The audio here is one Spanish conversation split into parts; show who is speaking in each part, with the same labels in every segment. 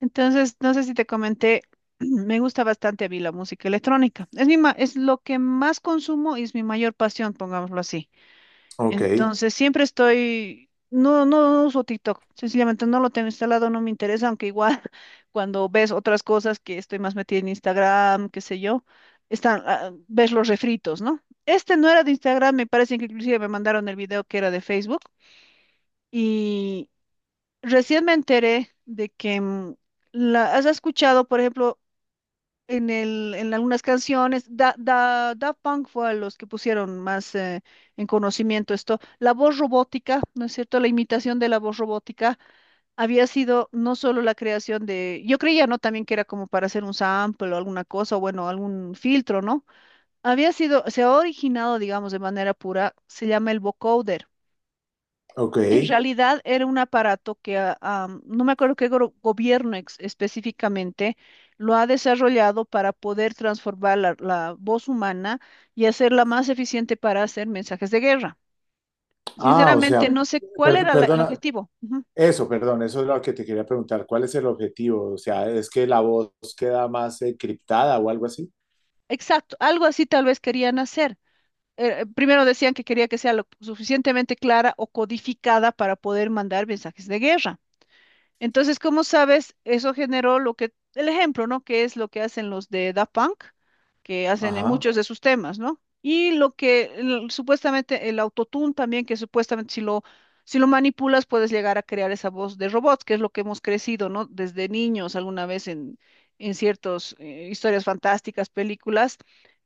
Speaker 1: Entonces, no sé si te comenté, me gusta bastante a mí la música electrónica. Es es lo que más consumo y es mi mayor pasión, pongámoslo así.
Speaker 2: Ok,
Speaker 1: Entonces, siempre estoy, no uso TikTok, sencillamente no lo tengo instalado, no me interesa, aunque igual cuando ves otras cosas que estoy más metida en Instagram, qué sé yo, están, ves los refritos, ¿no? Este no era de Instagram, me parece que inclusive me mandaron el video que era de Facebook. Recién me enteré de que has escuchado, por ejemplo, en algunas canciones, Daft Punk fue a los que pusieron más en conocimiento esto, la voz robótica, ¿no es cierto? La imitación de la voz robótica había sido no solo la creación de, yo creía, ¿no? También que era como para hacer un sample o alguna cosa, o bueno, algún filtro, ¿no? Había sido, se ha originado, digamos, de manera pura, se llama el vocoder.
Speaker 2: ok.
Speaker 1: En realidad era un aparato que no me acuerdo qué gobierno específicamente lo ha desarrollado para poder transformar la voz humana y hacerla más eficiente para hacer mensajes de guerra.
Speaker 2: O sea,
Speaker 1: Sinceramente, no sé cuál era el
Speaker 2: perdona,
Speaker 1: objetivo. Ujú.
Speaker 2: perdón, eso es lo que te quería preguntar. ¿Cuál es el objetivo? O sea, ¿es que la voz queda más criptada o algo así?
Speaker 1: Exacto, algo así tal vez querían hacer. Primero decían que quería que sea lo suficientemente clara o codificada para poder mandar mensajes de guerra. Entonces, como sabes, eso generó lo que, el ejemplo, ¿no? Que es lo que hacen los de Da Punk, que hacen en Ujú.
Speaker 2: Ajá.
Speaker 1: Muchos de sus temas, ¿no? Y lo que supuestamente el autotune también, que supuestamente si lo manipulas puedes llegar a crear esa voz de robots, que es lo que hemos crecido, ¿no? Desde niños alguna vez en ciertas historias fantásticas, películas,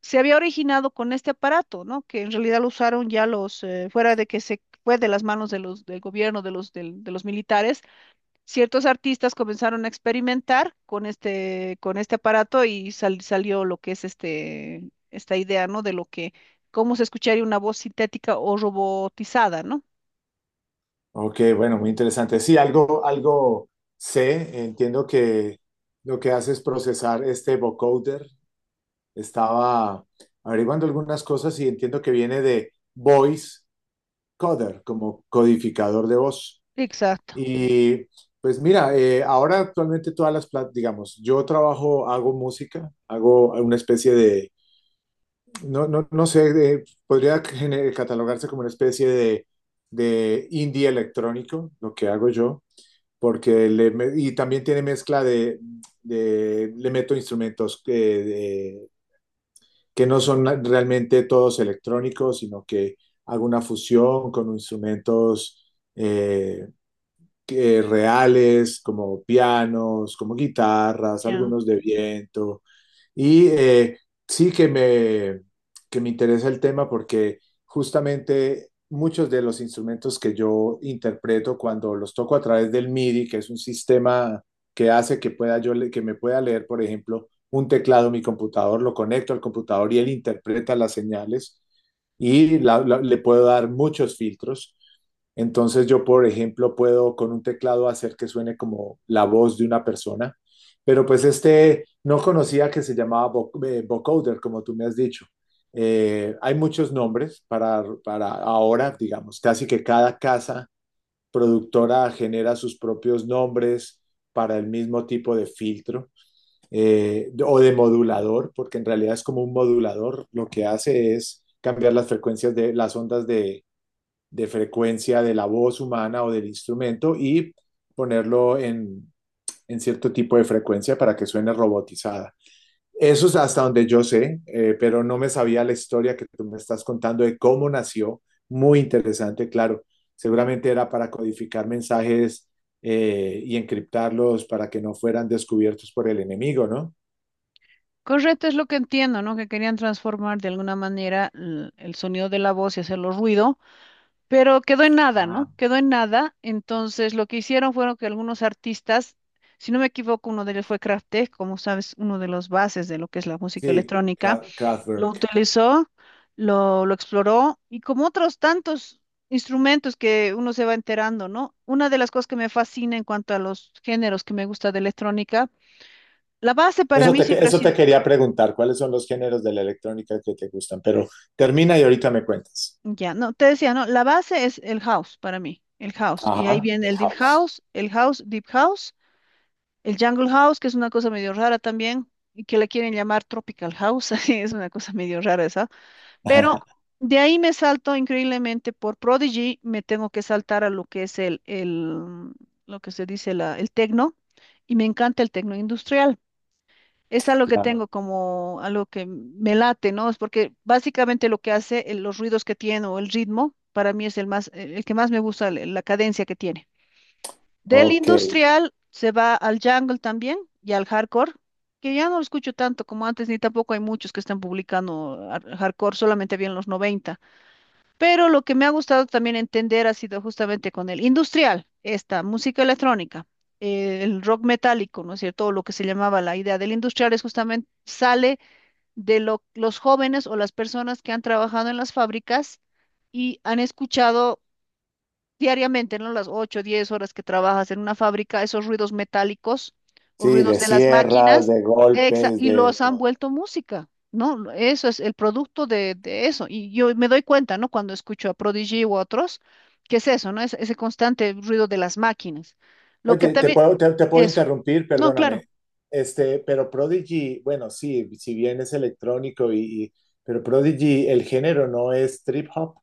Speaker 1: se había originado con este aparato, ¿no? Que en realidad lo usaron ya los, fuera de que se fue de las manos de los, del gobierno, de los militares. Ciertos artistas comenzaron a experimentar con este aparato y salió lo que es esta idea, ¿no? Cómo se escucharía una voz sintética o robotizada, ¿no?
Speaker 2: Ok, bueno, muy interesante. Sí, algo sé. Entiendo que lo que hace es procesar este vocoder. Estaba averiguando algunas cosas y entiendo que viene de voice coder, como codificador de voz.
Speaker 1: Exacto,
Speaker 2: Y pues mira, ahora actualmente digamos, yo trabajo, hago música, hago una especie de, no sé, podría catalogarse como una especie de indie electrónico, lo que hago yo, porque y también tiene mezcla de, le meto instrumentos que no son realmente todos electrónicos, sino que hago una fusión con instrumentos. eh, que reales, como pianos, como guitarras,
Speaker 1: ya.
Speaker 2: algunos de viento, y sí que me interesa el tema porque justamente muchos de los instrumentos que yo interpreto cuando los toco a través del MIDI, que es un sistema que hace que que me pueda leer, por ejemplo, un teclado, mi computador, lo conecto al computador y él interpreta las señales y le puedo dar muchos filtros. Entonces yo, por ejemplo, puedo con un teclado hacer que suene como la voz de una persona, pero pues este no conocía que se llamaba vocoder, como tú me has dicho. Hay muchos nombres para ahora, digamos, casi que cada casa productora genera sus propios nombres para el mismo tipo de filtro, o de modulador, porque en realidad es como un modulador, lo que hace es cambiar las frecuencias de las ondas de frecuencia de la voz humana o del instrumento y ponerlo en cierto tipo de frecuencia para que suene robotizada. Eso es hasta donde yo sé, pero no me sabía la historia que tú me estás contando de cómo nació. Muy interesante, claro. Seguramente era para codificar mensajes, y encriptarlos para que no fueran descubiertos por el enemigo, ¿no?
Speaker 1: Correcto, es lo que entiendo, ¿no? Que querían transformar de alguna manera el sonido de la voz y hacerlo ruido, pero quedó en nada,
Speaker 2: Ah.
Speaker 1: ¿no? Quedó en nada. Entonces, lo que hicieron fueron que algunos artistas, si no me equivoco, uno de ellos fue Kraftwerk, como sabes, uno de los bases de lo que es la música
Speaker 2: Sí,
Speaker 1: electrónica, lo
Speaker 2: Kraftwerk.
Speaker 1: utilizó, lo exploró y como otros tantos instrumentos que uno se va enterando, ¿no? Una de las cosas que me fascina en cuanto a los géneros que me gusta de electrónica, la base para mí siempre ha
Speaker 2: Eso te
Speaker 1: sido,
Speaker 2: quería preguntar, ¿cuáles son los géneros de la electrónica que te gustan? Pero termina y ahorita me cuentas.
Speaker 1: ya, no, te decía, ¿no? La base es el house para mí, el house. Y ahí
Speaker 2: Ajá,
Speaker 1: viene
Speaker 2: el
Speaker 1: el deep
Speaker 2: house.
Speaker 1: house, el house, deep house, el jungle house, que es una cosa medio rara también. Y que le quieren llamar Tropical House, así es una cosa medio rara esa. Pero de ahí me salto increíblemente por Prodigy, me tengo que saltar a lo que es el lo que se dice el tecno, y me encanta el tecno industrial. Es algo que
Speaker 2: Claro.
Speaker 1: tengo como algo que me late, ¿no? Es porque básicamente lo que hace, los ruidos que tiene o el ritmo, para mí es el más, el que más me gusta, la cadencia que tiene. Del
Speaker 2: Ok.
Speaker 1: industrial se va al jungle también y al hardcore, que ya no lo escucho tanto como antes, ni tampoco hay muchos que están publicando hardcore, solamente había en los 90. Pero lo que me ha gustado también entender ha sido justamente con el industrial, esta música electrónica, el rock metálico, ¿no es cierto? O lo que se llamaba la idea del industrial es justamente sale de los jóvenes o las personas que han trabajado en las fábricas y han escuchado diariamente, ¿no? Las 8, 10 horas que trabajas en una fábrica, esos ruidos metálicos o
Speaker 2: Sí,
Speaker 1: ruidos
Speaker 2: de
Speaker 1: de las
Speaker 2: sierras,
Speaker 1: máquinas,
Speaker 2: de golpes,
Speaker 1: y
Speaker 2: de
Speaker 1: los han
Speaker 2: todo.
Speaker 1: vuelto música, ¿no? Eso es el producto de eso. Y yo me doy cuenta, ¿no? Cuando escucho a Prodigy u otros, que es eso, ¿no? Es ese constante ruido de las máquinas. Lo que
Speaker 2: Oye,
Speaker 1: también,
Speaker 2: te puedo
Speaker 1: eso,
Speaker 2: interrumpir,
Speaker 1: no, claro.
Speaker 2: perdóname. Este, pero Prodigy, bueno, sí, si bien es electrónico y- pero Prodigy, el género no es trip hop.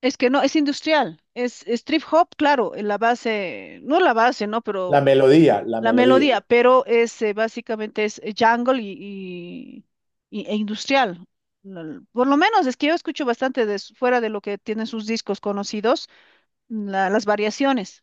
Speaker 1: Es que no, es industrial, es trip hop, claro, en la base, no la base, ¿no? Pero
Speaker 2: La
Speaker 1: la
Speaker 2: melodía.
Speaker 1: melodía, pero es básicamente es jungle y- e industrial. Por lo menos es que yo escucho bastante fuera de lo que tienen sus discos conocidos, las variaciones.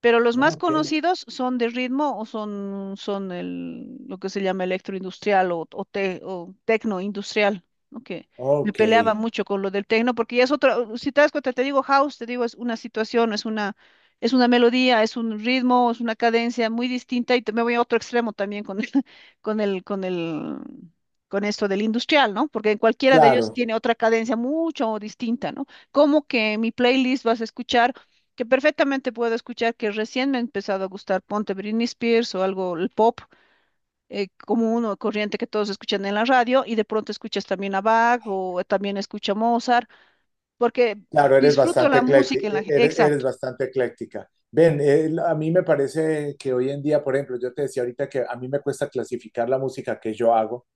Speaker 1: Pero los
Speaker 2: ¿No?
Speaker 1: más
Speaker 2: Ok,
Speaker 1: conocidos son de ritmo o lo que se llama electroindustrial o tecnoindustrial, ¿no? Que me
Speaker 2: ok,
Speaker 1: peleaba mucho con lo del tecno, porque ya es otra, si te das cuenta, te digo house, te digo es una situación, es una melodía, es un ritmo, es una cadencia muy distinta y me voy a otro extremo también con el, con el, con esto del industrial, ¿no? Porque en cualquiera de ellos
Speaker 2: claro.
Speaker 1: tiene otra cadencia mucho distinta, ¿no? Como que en mi playlist vas a escuchar que perfectamente puedo escuchar que recién me ha empezado a gustar, ponte, Britney Spears o algo, el pop, como uno corriente que todos escuchan en la radio y de pronto escuchas también a Bach o también escucha Mozart, porque
Speaker 2: Claro, eres
Speaker 1: disfruto
Speaker 2: bastante
Speaker 1: la música
Speaker 2: ecléctica,
Speaker 1: en la...
Speaker 2: eres
Speaker 1: Exacto,
Speaker 2: bastante ecléctica. Ven, a mí me parece que hoy en día, por ejemplo, yo te decía ahorita que a mí me cuesta clasificar la música que yo hago.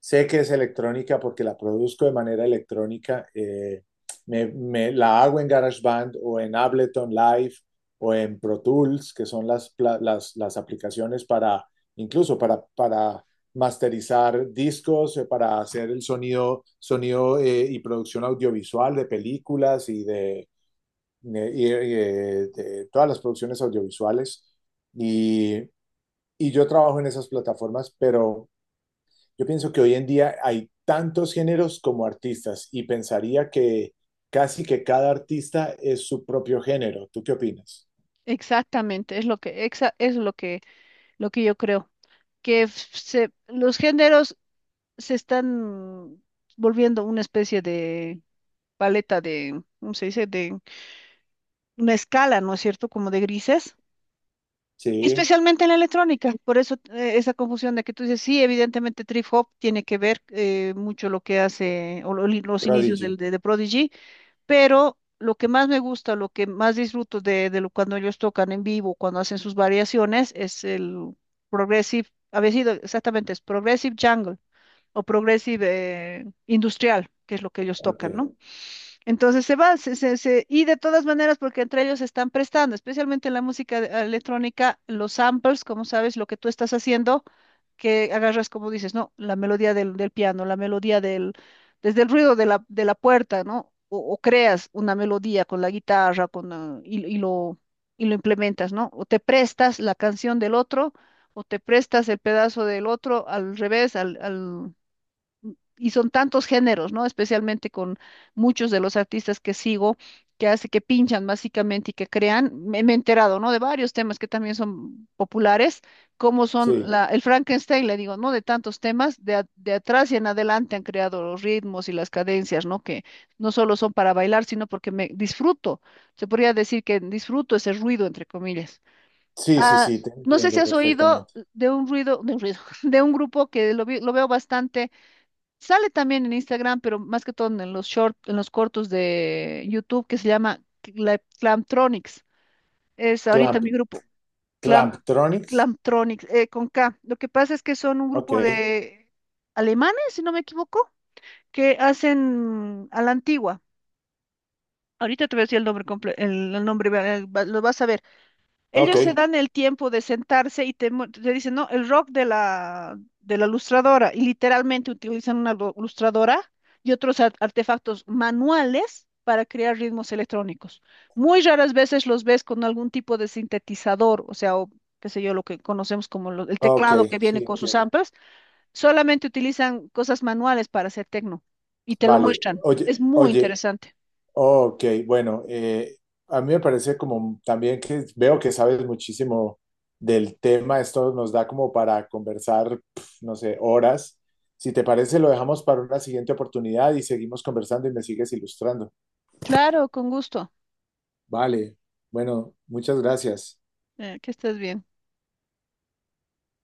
Speaker 2: Sé que es electrónica porque la produzco de manera electrónica. La hago en GarageBand o en Ableton Live o en Pro Tools, que son las aplicaciones para, incluso para masterizar discos, para hacer el sonido, y producción audiovisual de películas y de, de todas las producciones audiovisuales. Y, y yo trabajo en esas plataformas, pero yo pienso que hoy en día hay tantos géneros como artistas y pensaría que casi que cada artista es su propio género. ¿Tú qué opinas?
Speaker 1: exactamente, es lo que, exa- es lo que yo creo, que los géneros se están volviendo una especie de paleta de, ¿cómo se dice? De una escala, ¿no es cierto? Como de grises.
Speaker 2: Sí,
Speaker 1: Especialmente en la electrónica, por eso esa confusión de que tú dices, sí, evidentemente Trip Hop tiene que ver mucho lo que hace o los inicios del,
Speaker 2: Prodigy.
Speaker 1: de, de Prodigy, pero lo que más me gusta, lo que más disfruto de lo, cuando ellos tocan en vivo, cuando hacen sus variaciones, es el Progressive, había sido exactamente, es Progressive Jungle o Progressive Industrial, que es lo que ellos
Speaker 2: Ok.
Speaker 1: tocan, ¿no? Entonces se va, y de todas maneras, porque entre ellos se están prestando, especialmente en la música electrónica, los samples, como sabes, lo que tú estás haciendo, que agarras, como dices, ¿no? La melodía del piano, la melodía desde el ruido de la puerta, ¿no? O creas una melodía con la guitarra, y lo implementas, ¿no? O te prestas la canción del otro, o te prestas el pedazo del otro al revés, y son tantos géneros, ¿no? Especialmente con muchos de los artistas que sigo, que hace que pinchan básicamente y que crean. Me he enterado, ¿no? De varios temas que también son populares, como son
Speaker 2: Sí,
Speaker 1: el Frankenstein, le digo, ¿no? De tantos temas, de atrás y en adelante han creado los ritmos y las cadencias, ¿no? Que no solo son para bailar, sino porque me disfruto. Se podría decir que disfruto ese ruido, entre comillas. Ah,
Speaker 2: sí, te
Speaker 1: no sé si
Speaker 2: entiendo
Speaker 1: has oído
Speaker 2: perfectamente.
Speaker 1: de un ruido, de un grupo que lo lo veo bastante. Sale también en Instagram, pero más que todo en los short, en los cortos de YouTube, que se llama Clamtronics. Es ahorita
Speaker 2: Clamp,
Speaker 1: mi grupo, Clam,
Speaker 2: Clamptronics.
Speaker 1: Clamtronics, con K. Lo que pasa es que son un grupo
Speaker 2: Ok,
Speaker 1: de alemanes, si no me equivoco, que hacen a la antigua. Ahorita te voy a decir el nombre lo vas a ver.
Speaker 2: ok,
Speaker 1: Ellos se dan el tiempo de sentarse y te, te dicen, no, el rock de la lustradora, y literalmente utilizan una lustradora y otros artefactos manuales para crear ritmos electrónicos. Muy raras veces los ves con algún tipo de sintetizador, o sea, o qué sé yo, lo que conocemos como el
Speaker 2: ok,
Speaker 1: teclado que viene
Speaker 2: sí,
Speaker 1: con sus
Speaker 2: entiendo.
Speaker 1: amplas, solamente utilizan cosas manuales para hacer tecno y te lo
Speaker 2: Vale,
Speaker 1: muestran. Es muy
Speaker 2: oye,
Speaker 1: interesante.
Speaker 2: ok, bueno, a mí me parece como también que veo que sabes muchísimo del tema, esto nos da como para conversar, pf, no sé, horas. Si te parece, lo dejamos para una siguiente oportunidad y seguimos conversando y me sigues ilustrando.
Speaker 1: Claro, con gusto.
Speaker 2: Vale, bueno, muchas gracias.
Speaker 1: Que estés bien.